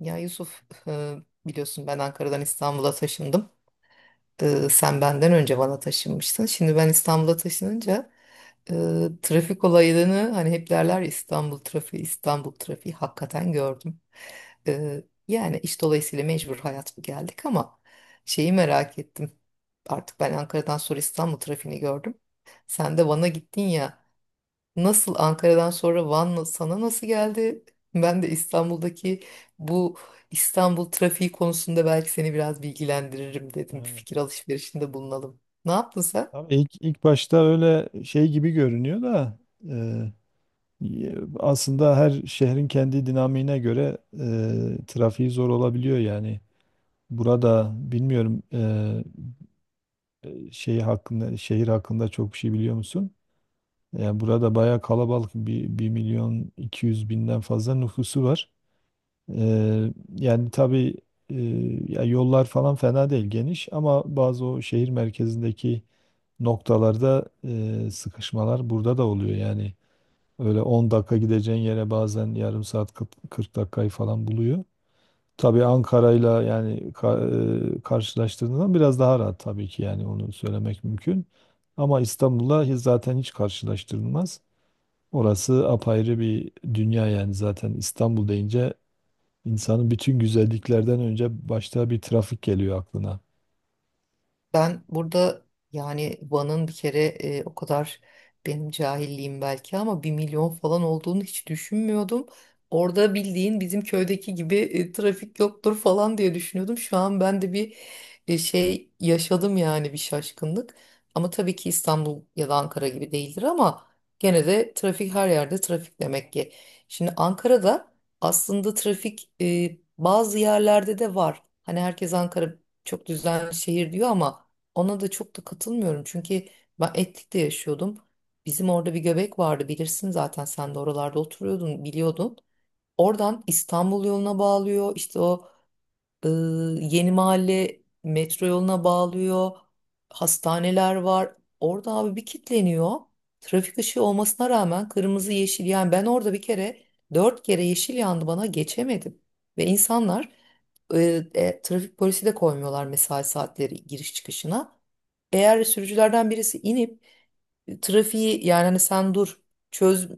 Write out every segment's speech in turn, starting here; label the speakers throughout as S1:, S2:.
S1: Ya Yusuf, e, biliyorsun ben Ankara'dan İstanbul'a taşındım. Sen benden önce bana taşınmıştın. Şimdi ben İstanbul'a taşınınca e, trafik olayını hani hep derler ya, İstanbul trafiği, İstanbul trafiği hakikaten gördüm. E, Yani iş dolayısıyla mecbur hayat bu geldik ama şeyi merak ettim. Artık ben Ankara'dan sonra İstanbul trafiğini gördüm. Sen de Van'a gittin ya. Nasıl Ankara'dan sonra Van sana nasıl geldi? Ben de İstanbul'daki bu İstanbul trafiği konusunda belki seni biraz bilgilendiririm dedim. Bir
S2: Evet.
S1: fikir alışverişinde bulunalım. Ne yaptın sen?
S2: Tabii ilk başta öyle şey gibi görünüyor da e, aslında her şehrin kendi dinamiğine göre trafiği zor olabiliyor yani. Burada bilmiyorum şey hakkında şehir hakkında çok bir şey biliyor musun? Yani burada bayağı kalabalık bir, 1 milyon 200 binden fazla nüfusu var. E, Yani tabii e, ya yollar falan fena değil geniş ama bazı o şehir merkezindeki noktalarda sıkışmalar burada da oluyor. Yani öyle 10 dakika gideceğin yere bazen yarım saat 40 dakikayı falan buluyor. Tabii Ankara'yla yani karşılaştırdığında biraz daha rahat tabii ki yani onu söylemek mümkün. Ama İstanbul'la zaten hiç karşılaştırılmaz. Orası apayrı bir dünya yani zaten İstanbul deyince insanın bütün güzelliklerden önce başta bir trafik geliyor aklına.
S1: Ben burada yani Van'ın bir kere o kadar benim cahilliğim belki ama bir milyon falan olduğunu hiç düşünmüyordum. Orada bildiğin bizim köydeki gibi trafik yoktur falan diye düşünüyordum. Şu an ben de bir şey yaşadım yani bir şaşkınlık. Ama tabii ki İstanbul ya da Ankara gibi değildir ama gene de trafik her yerde trafik demek ki. Şimdi Ankara'da aslında trafik bazı yerlerde de var. Hani herkes Ankara çok düzenli şehir diyor ama ona da çok da katılmıyorum. Çünkü ben Etlik'te yaşıyordum. Bizim orada bir göbek vardı, bilirsin, zaten sen de oralarda oturuyordun, biliyordun. Oradan İstanbul yoluna bağlıyor, işte o ee, Yeni Mahalle metro yoluna bağlıyor. Hastaneler var. Orada abi bir kitleniyor. Trafik ışığı olmasına rağmen kırmızı yeşil, yani ben orada bir kere dört kere yeşil yandı bana, geçemedim. Ve insanlar, trafik polisi de koymuyorlar mesai saatleri giriş çıkışına. Eğer sürücülerden birisi inip trafiği, yani hani sen dur, çöz,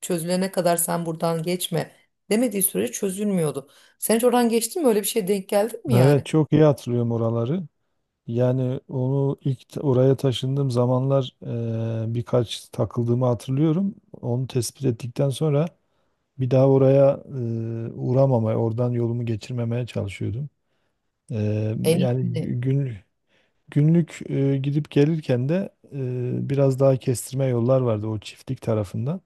S1: çözülene kadar sen buradan geçme demediği sürece çözülmüyordu. Sen hiç oradan geçtin mi? Öyle bir şeye denk geldin mi
S2: Evet,
S1: yani?
S2: çok iyi hatırlıyorum oraları. Yani onu oraya taşındığım zamanlar birkaç takıldığımı hatırlıyorum. Onu tespit ettikten sonra bir daha oraya uğramamaya, oradan yolumu geçirmemeye çalışıyordum. E,
S1: En
S2: yani
S1: iyisini.
S2: gü- gün, Günlük gidip gelirken de biraz daha kestirme yollar vardı o çiftlik tarafından.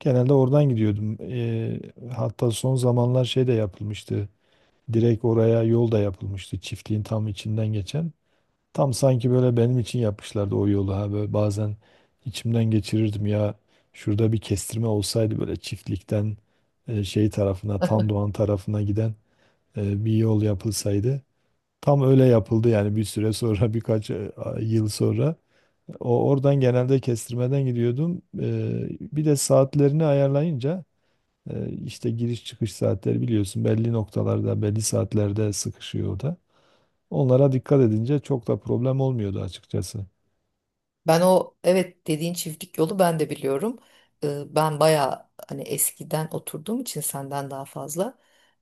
S2: Genelde oradan gidiyordum. Hatta son zamanlar şey de yapılmıştı. Direkt oraya yol da yapılmıştı. Çiftliğin tam içinden geçen. Tam sanki böyle benim için yapmışlardı o yolu. Ha böyle bazen içimden geçirirdim ya. Şurada bir kestirme olsaydı böyle çiftlikten şey tarafına, Tandoğan tarafına giden bir yol yapılsaydı. Tam öyle yapıldı yani bir süre sonra birkaç yıl sonra. O oradan genelde kestirmeden gidiyordum. Bir de saatlerini ayarlayınca işte giriş çıkış saatleri biliyorsun belli noktalarda, belli saatlerde sıkışıyor o da. Onlara dikkat edince çok da problem olmuyordu açıkçası.
S1: Ben o evet dediğin çiftlik yolu, ben de biliyorum. Ben bayağı hani eskiden oturduğum için senden daha fazla,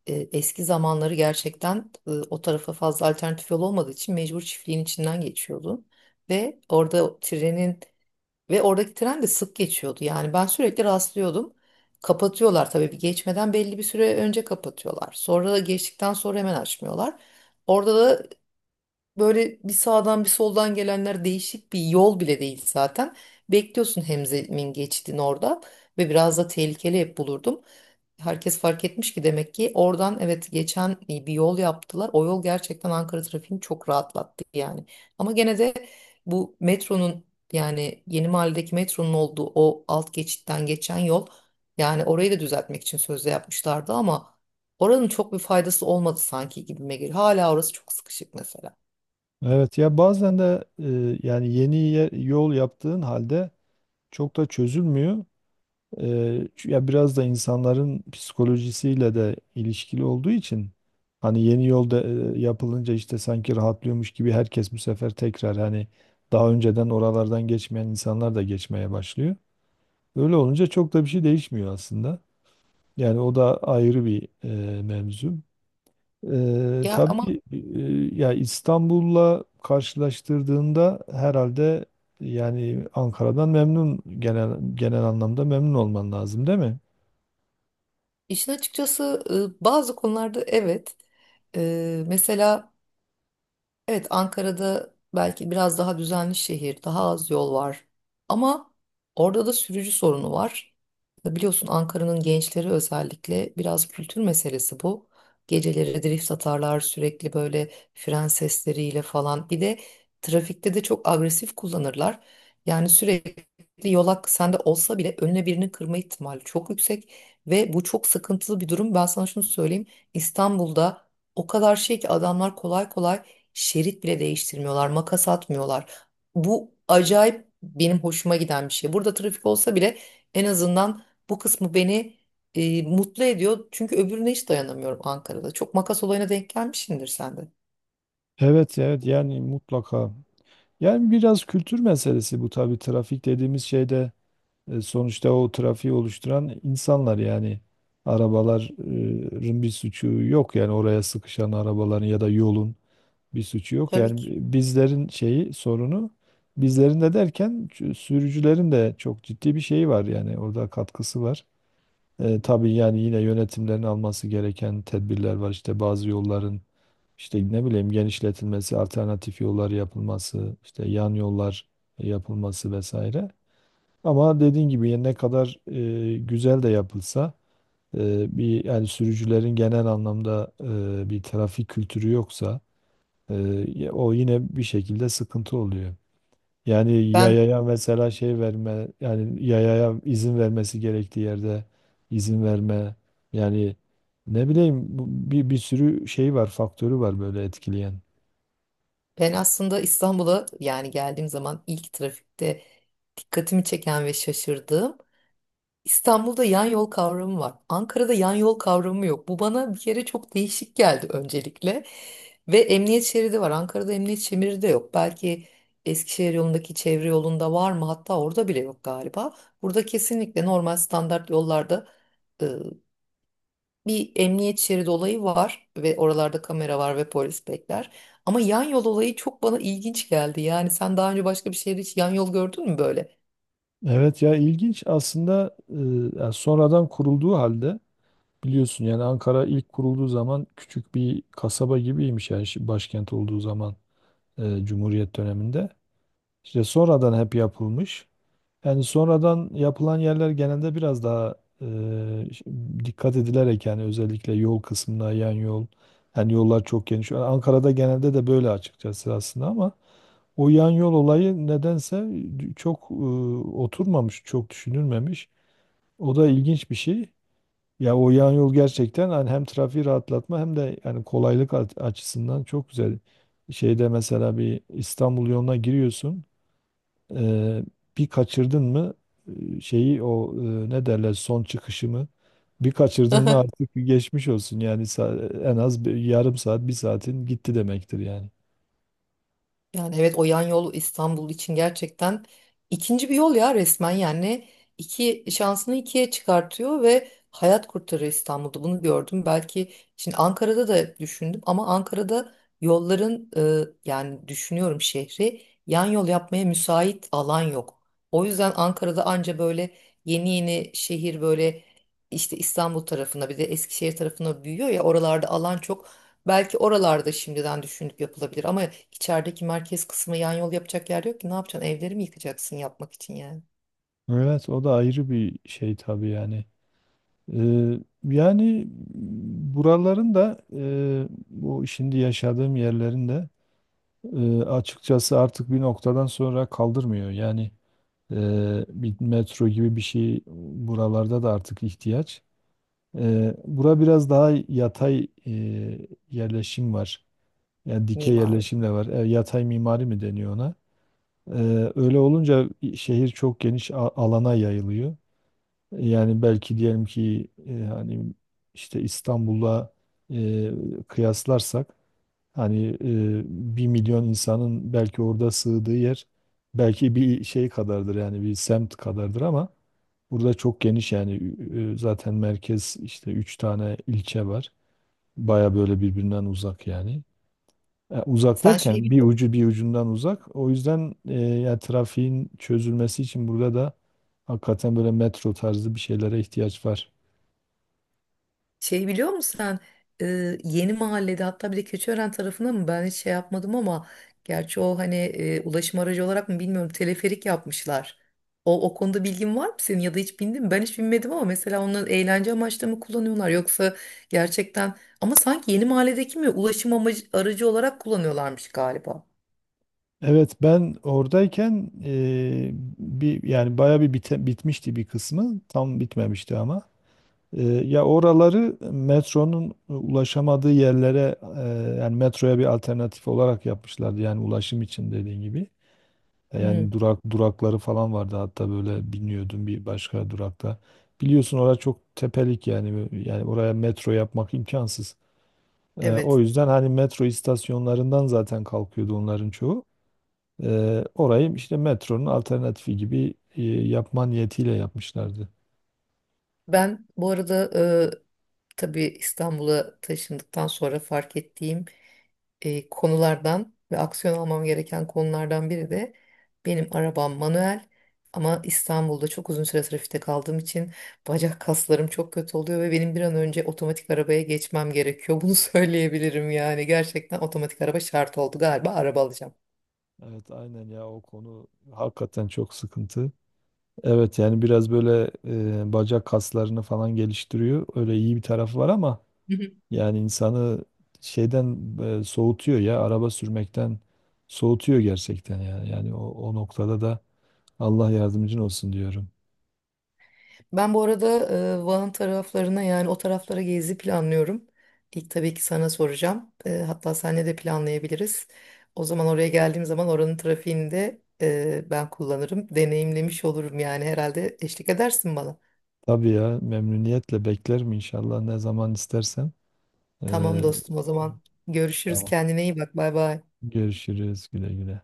S1: eski zamanları gerçekten, o tarafa fazla alternatif yol olmadığı için mecbur çiftliğin içinden geçiyordun. Ve orada o trenin Ve oradaki tren de sık geçiyordu. Yani ben sürekli rastlıyordum. Kapatıyorlar tabii, bir geçmeden belli bir süre önce kapatıyorlar. Sonra da geçtikten sonra hemen açmıyorlar. Orada da böyle bir sağdan bir soldan gelenler, değişik bir yol bile değil zaten. Bekliyorsun Hemzem'in geçtiğini orada ve biraz da tehlikeli hep bulurdum. Herkes fark etmiş ki demek ki, oradan evet, geçen bir yol yaptılar. O yol gerçekten Ankara trafiğini çok rahatlattı yani. Ama gene de bu metronun, yani Yeni Mahalledeki metronun olduğu o alt geçitten geçen yol, yani orayı da düzeltmek için sözde yapmışlardı ama oranın çok bir faydası olmadı sanki, gibime geliyor. Hala orası çok sıkışık mesela.
S2: Evet ya bazen de yani yol yaptığın halde çok da çözülmüyor. E, Ya biraz da insanların psikolojisiyle de ilişkili olduğu için hani yeni yolda yapılınca işte sanki rahatlıyormuş gibi herkes bu sefer tekrar hani daha önceden oralardan geçmeyen insanlar da geçmeye başlıyor. Öyle olunca çok da bir şey değişmiyor aslında. Yani o da ayrı bir mevzu.
S1: Ya ama
S2: Tabii ya İstanbul'la karşılaştırdığında herhalde yani Ankara'dan memnun genel anlamda memnun olman lazım değil mi?
S1: işin açıkçası bazı konularda evet. Mesela. Evet, Ankara'da belki biraz daha düzenli şehir, daha az yol var. Ama orada da sürücü sorunu var. Biliyorsun Ankara'nın gençleri, özellikle biraz kültür meselesi bu. Geceleri drift atarlar sürekli, böyle fren sesleriyle falan. Bir de trafikte de çok agresif kullanırlar. Yani sürekli yolak sende olsa bile önüne birini kırma ihtimali çok yüksek. Ve bu çok sıkıntılı bir durum. Ben sana şunu söyleyeyim. İstanbul'da o kadar şey ki, adamlar kolay kolay şerit bile değiştirmiyorlar, makas atmıyorlar. Bu acayip benim hoşuma giden bir şey. Burada trafik olsa bile en azından bu kısmı beni mutlu ediyor. Çünkü öbürüne hiç dayanamıyorum Ankara'da. Çok makas olayına denk gelmişsindir sen de.
S2: Evet, evet yani mutlaka. Yani biraz kültür meselesi bu tabii trafik dediğimiz şeyde sonuçta o trafiği oluşturan insanlar yani arabaların bir suçu yok yani oraya sıkışan arabaların ya da yolun. Bir suçu yok.
S1: Tabii
S2: Yani
S1: ki.
S2: bizlerin şeyi sorunu bizlerin de derken sürücülerin de çok ciddi bir şeyi var yani orada katkısı var. Tabii yani yine yönetimlerin alması gereken tedbirler var. İşte bazı yolların işte ne bileyim genişletilmesi, alternatif yollar yapılması, işte yan yollar yapılması vesaire. Ama dediğin gibi yani ne kadar güzel de yapılsa e, bir yani sürücülerin genel anlamda bir trafik kültürü yoksa ee, o yine bir şekilde sıkıntı oluyor. Yani
S1: Ben
S2: yayaya mesela şey verme, yani yayaya izin vermesi gerektiği yerde izin verme. Yani ne bileyim bir sürü şey var, faktörü var böyle etkileyen.
S1: ben aslında İstanbul'a, yani geldiğim zaman, ilk trafikte dikkatimi çeken ve şaşırdığım, İstanbul'da yan yol kavramı var. Ankara'da yan yol kavramı yok. Bu bana bir kere çok değişik geldi öncelikle. Ve emniyet şeridi var. Ankara'da emniyet şeridi de yok. Belki Eskişehir yolundaki çevre yolunda var mı? Hatta orada bile yok galiba. Burada kesinlikle normal standart yollarda e, bir emniyet şeridi olayı var ve oralarda kamera var ve polis bekler. Ama yan yol olayı çok bana ilginç geldi. Yani sen daha önce başka bir şehirde hiç yan yol gördün mü böyle?
S2: Evet ya ilginç aslında. Ya sonradan kurulduğu halde biliyorsun yani Ankara ilk kurulduğu zaman küçük bir kasaba gibiymiş yani başkent olduğu zaman, Cumhuriyet döneminde. İşte sonradan hep yapılmış. Yani sonradan yapılan yerler genelde biraz daha e, dikkat edilerek yani özellikle yol kısmına yan yol. Yani yollar çok geniş. Yani Ankara'da genelde de böyle açıkçası aslında ama o yan yol olayı nedense e, çok e, oturmamış, çok düşünülmemiş. O da ilginç bir şey. Ya o yan yol gerçekten hani hem trafiği rahatlatma hem de yani kolaylık açısından çok güzel. Şeyde mesela bir İstanbul yoluna giriyorsun. Eee, Bir kaçırdın mı şeyi o ne derler son çıkışımı bir kaçırdın mı artık bir geçmiş olsun yani en az bir yarım saat bir saatin gitti demektir yani.
S1: Yani evet, o yan yol İstanbul için gerçekten ikinci bir yol ya, resmen yani, iki şansını ikiye çıkartıyor ve hayat kurtarıyor. İstanbul'da bunu gördüm. Belki şimdi Ankara'da da düşündüm ama Ankara'da yolların, yani düşünüyorum, şehri yan yol yapmaya müsait alan yok. O yüzden Ankara'da anca böyle yeni yeni şehir, böyle işte İstanbul tarafına bir de Eskişehir tarafına büyüyor ya, oralarda alan çok. Belki oralarda şimdiden düşünüp yapılabilir ama içerideki merkez kısmı yan yol yapacak yer yok ki. Ne yapacaksın? Evleri mi yıkacaksın yapmak için, yani?
S2: Evet o da ayrı bir şey tabii yani. Yani buraların da bu şimdi yaşadığım yerlerin de açıkçası artık bir noktadan sonra kaldırmıyor. Yani e, bir metro gibi bir şey buralarda da artık ihtiyaç. Bura biraz daha yatay yerleşim var. Yani dikey
S1: Mimari?
S2: yerleşim de var. E, yatay mimari mi deniyor ona? E, Öyle olunca şehir çok geniş alana yayılıyor. Yani belki diyelim ki hani işte İstanbul'la e, kıyaslarsak hani bir milyon insanın belki orada sığdığı yer belki bir şey kadardır yani bir semt kadardır ama burada çok geniş yani zaten merkez işte üç tane ilçe var. Baya böyle birbirinden uzak yani. Uzak
S1: Sen şeyi
S2: derken bir
S1: biliyor,
S2: ucu bir ucundan uzak. O yüzden yani trafiğin çözülmesi için burada da hakikaten böyle metro tarzı bir şeylere ihtiyaç var.
S1: Şeyi biliyor musun sen? Yeni Mahallede hatta bir de Keçiören tarafında mı? Ben hiç şey yapmadım ama gerçi o hani ulaşım aracı olarak mı bilmiyorum, teleferik yapmışlar. O konuda bilgin var mı senin ya da hiç bindin mi? Ben hiç binmedim ama mesela onları eğlence amaçlı mı kullanıyorlar, yoksa gerçekten, ama sanki Yeni Mahalledeki mi, ulaşım amacı, aracı olarak kullanıyorlarmış galiba.
S2: Evet ben oradayken bir yani bayağı bir bitmişti bir kısmı. Tam bitmemişti ama. Ya oraları metronun ulaşamadığı yerlere yani metroya bir alternatif olarak yapmışlardı. Yani ulaşım için dediğin gibi.
S1: Hı,
S2: Yani durakları falan vardı hatta böyle biniyordum bir başka durakta. Biliyorsun orası çok tepelik yani oraya metro yapmak imkansız. O
S1: evet.
S2: yüzden hani metro istasyonlarından zaten kalkıyordu onların çoğu. Orayı işte metronun alternatifi gibi yapma niyetiyle yapmışlardı.
S1: Ben bu arada, tabii İstanbul'a taşındıktan sonra fark ettiğim konulardan ve aksiyon almam gereken konulardan biri de, benim arabam manuel ama İstanbul'da çok uzun süre trafikte kaldığım için bacak kaslarım çok kötü oluyor ve benim bir an önce otomatik arabaya geçmem gerekiyor. Bunu söyleyebilirim yani, gerçekten otomatik araba şart oldu galiba, araba alacağım.
S2: Evet aynen ya o konu hakikaten çok sıkıntı. Evet yani biraz böyle bacak kaslarını falan geliştiriyor. Öyle iyi bir tarafı var ama yani insanı şeyden soğutuyor ya araba sürmekten soğutuyor gerçekten yani. Yani o noktada da Allah yardımcın olsun diyorum.
S1: Ben bu arada Van taraflarına, yani o taraflara gezi planlıyorum. İlk tabii ki sana soracağım. Hatta seninle de planlayabiliriz. O zaman oraya geldiğim zaman oranın trafiğini de ben kullanırım. Deneyimlemiş olurum, yani herhalde eşlik edersin bana.
S2: Tabii ya memnuniyetle beklerim inşallah ne zaman istersen.
S1: Tamam
S2: Ee,
S1: dostum, o zaman görüşürüz,
S2: tamam.
S1: kendine iyi bak, bay bay.
S2: Görüşürüz, güle güle.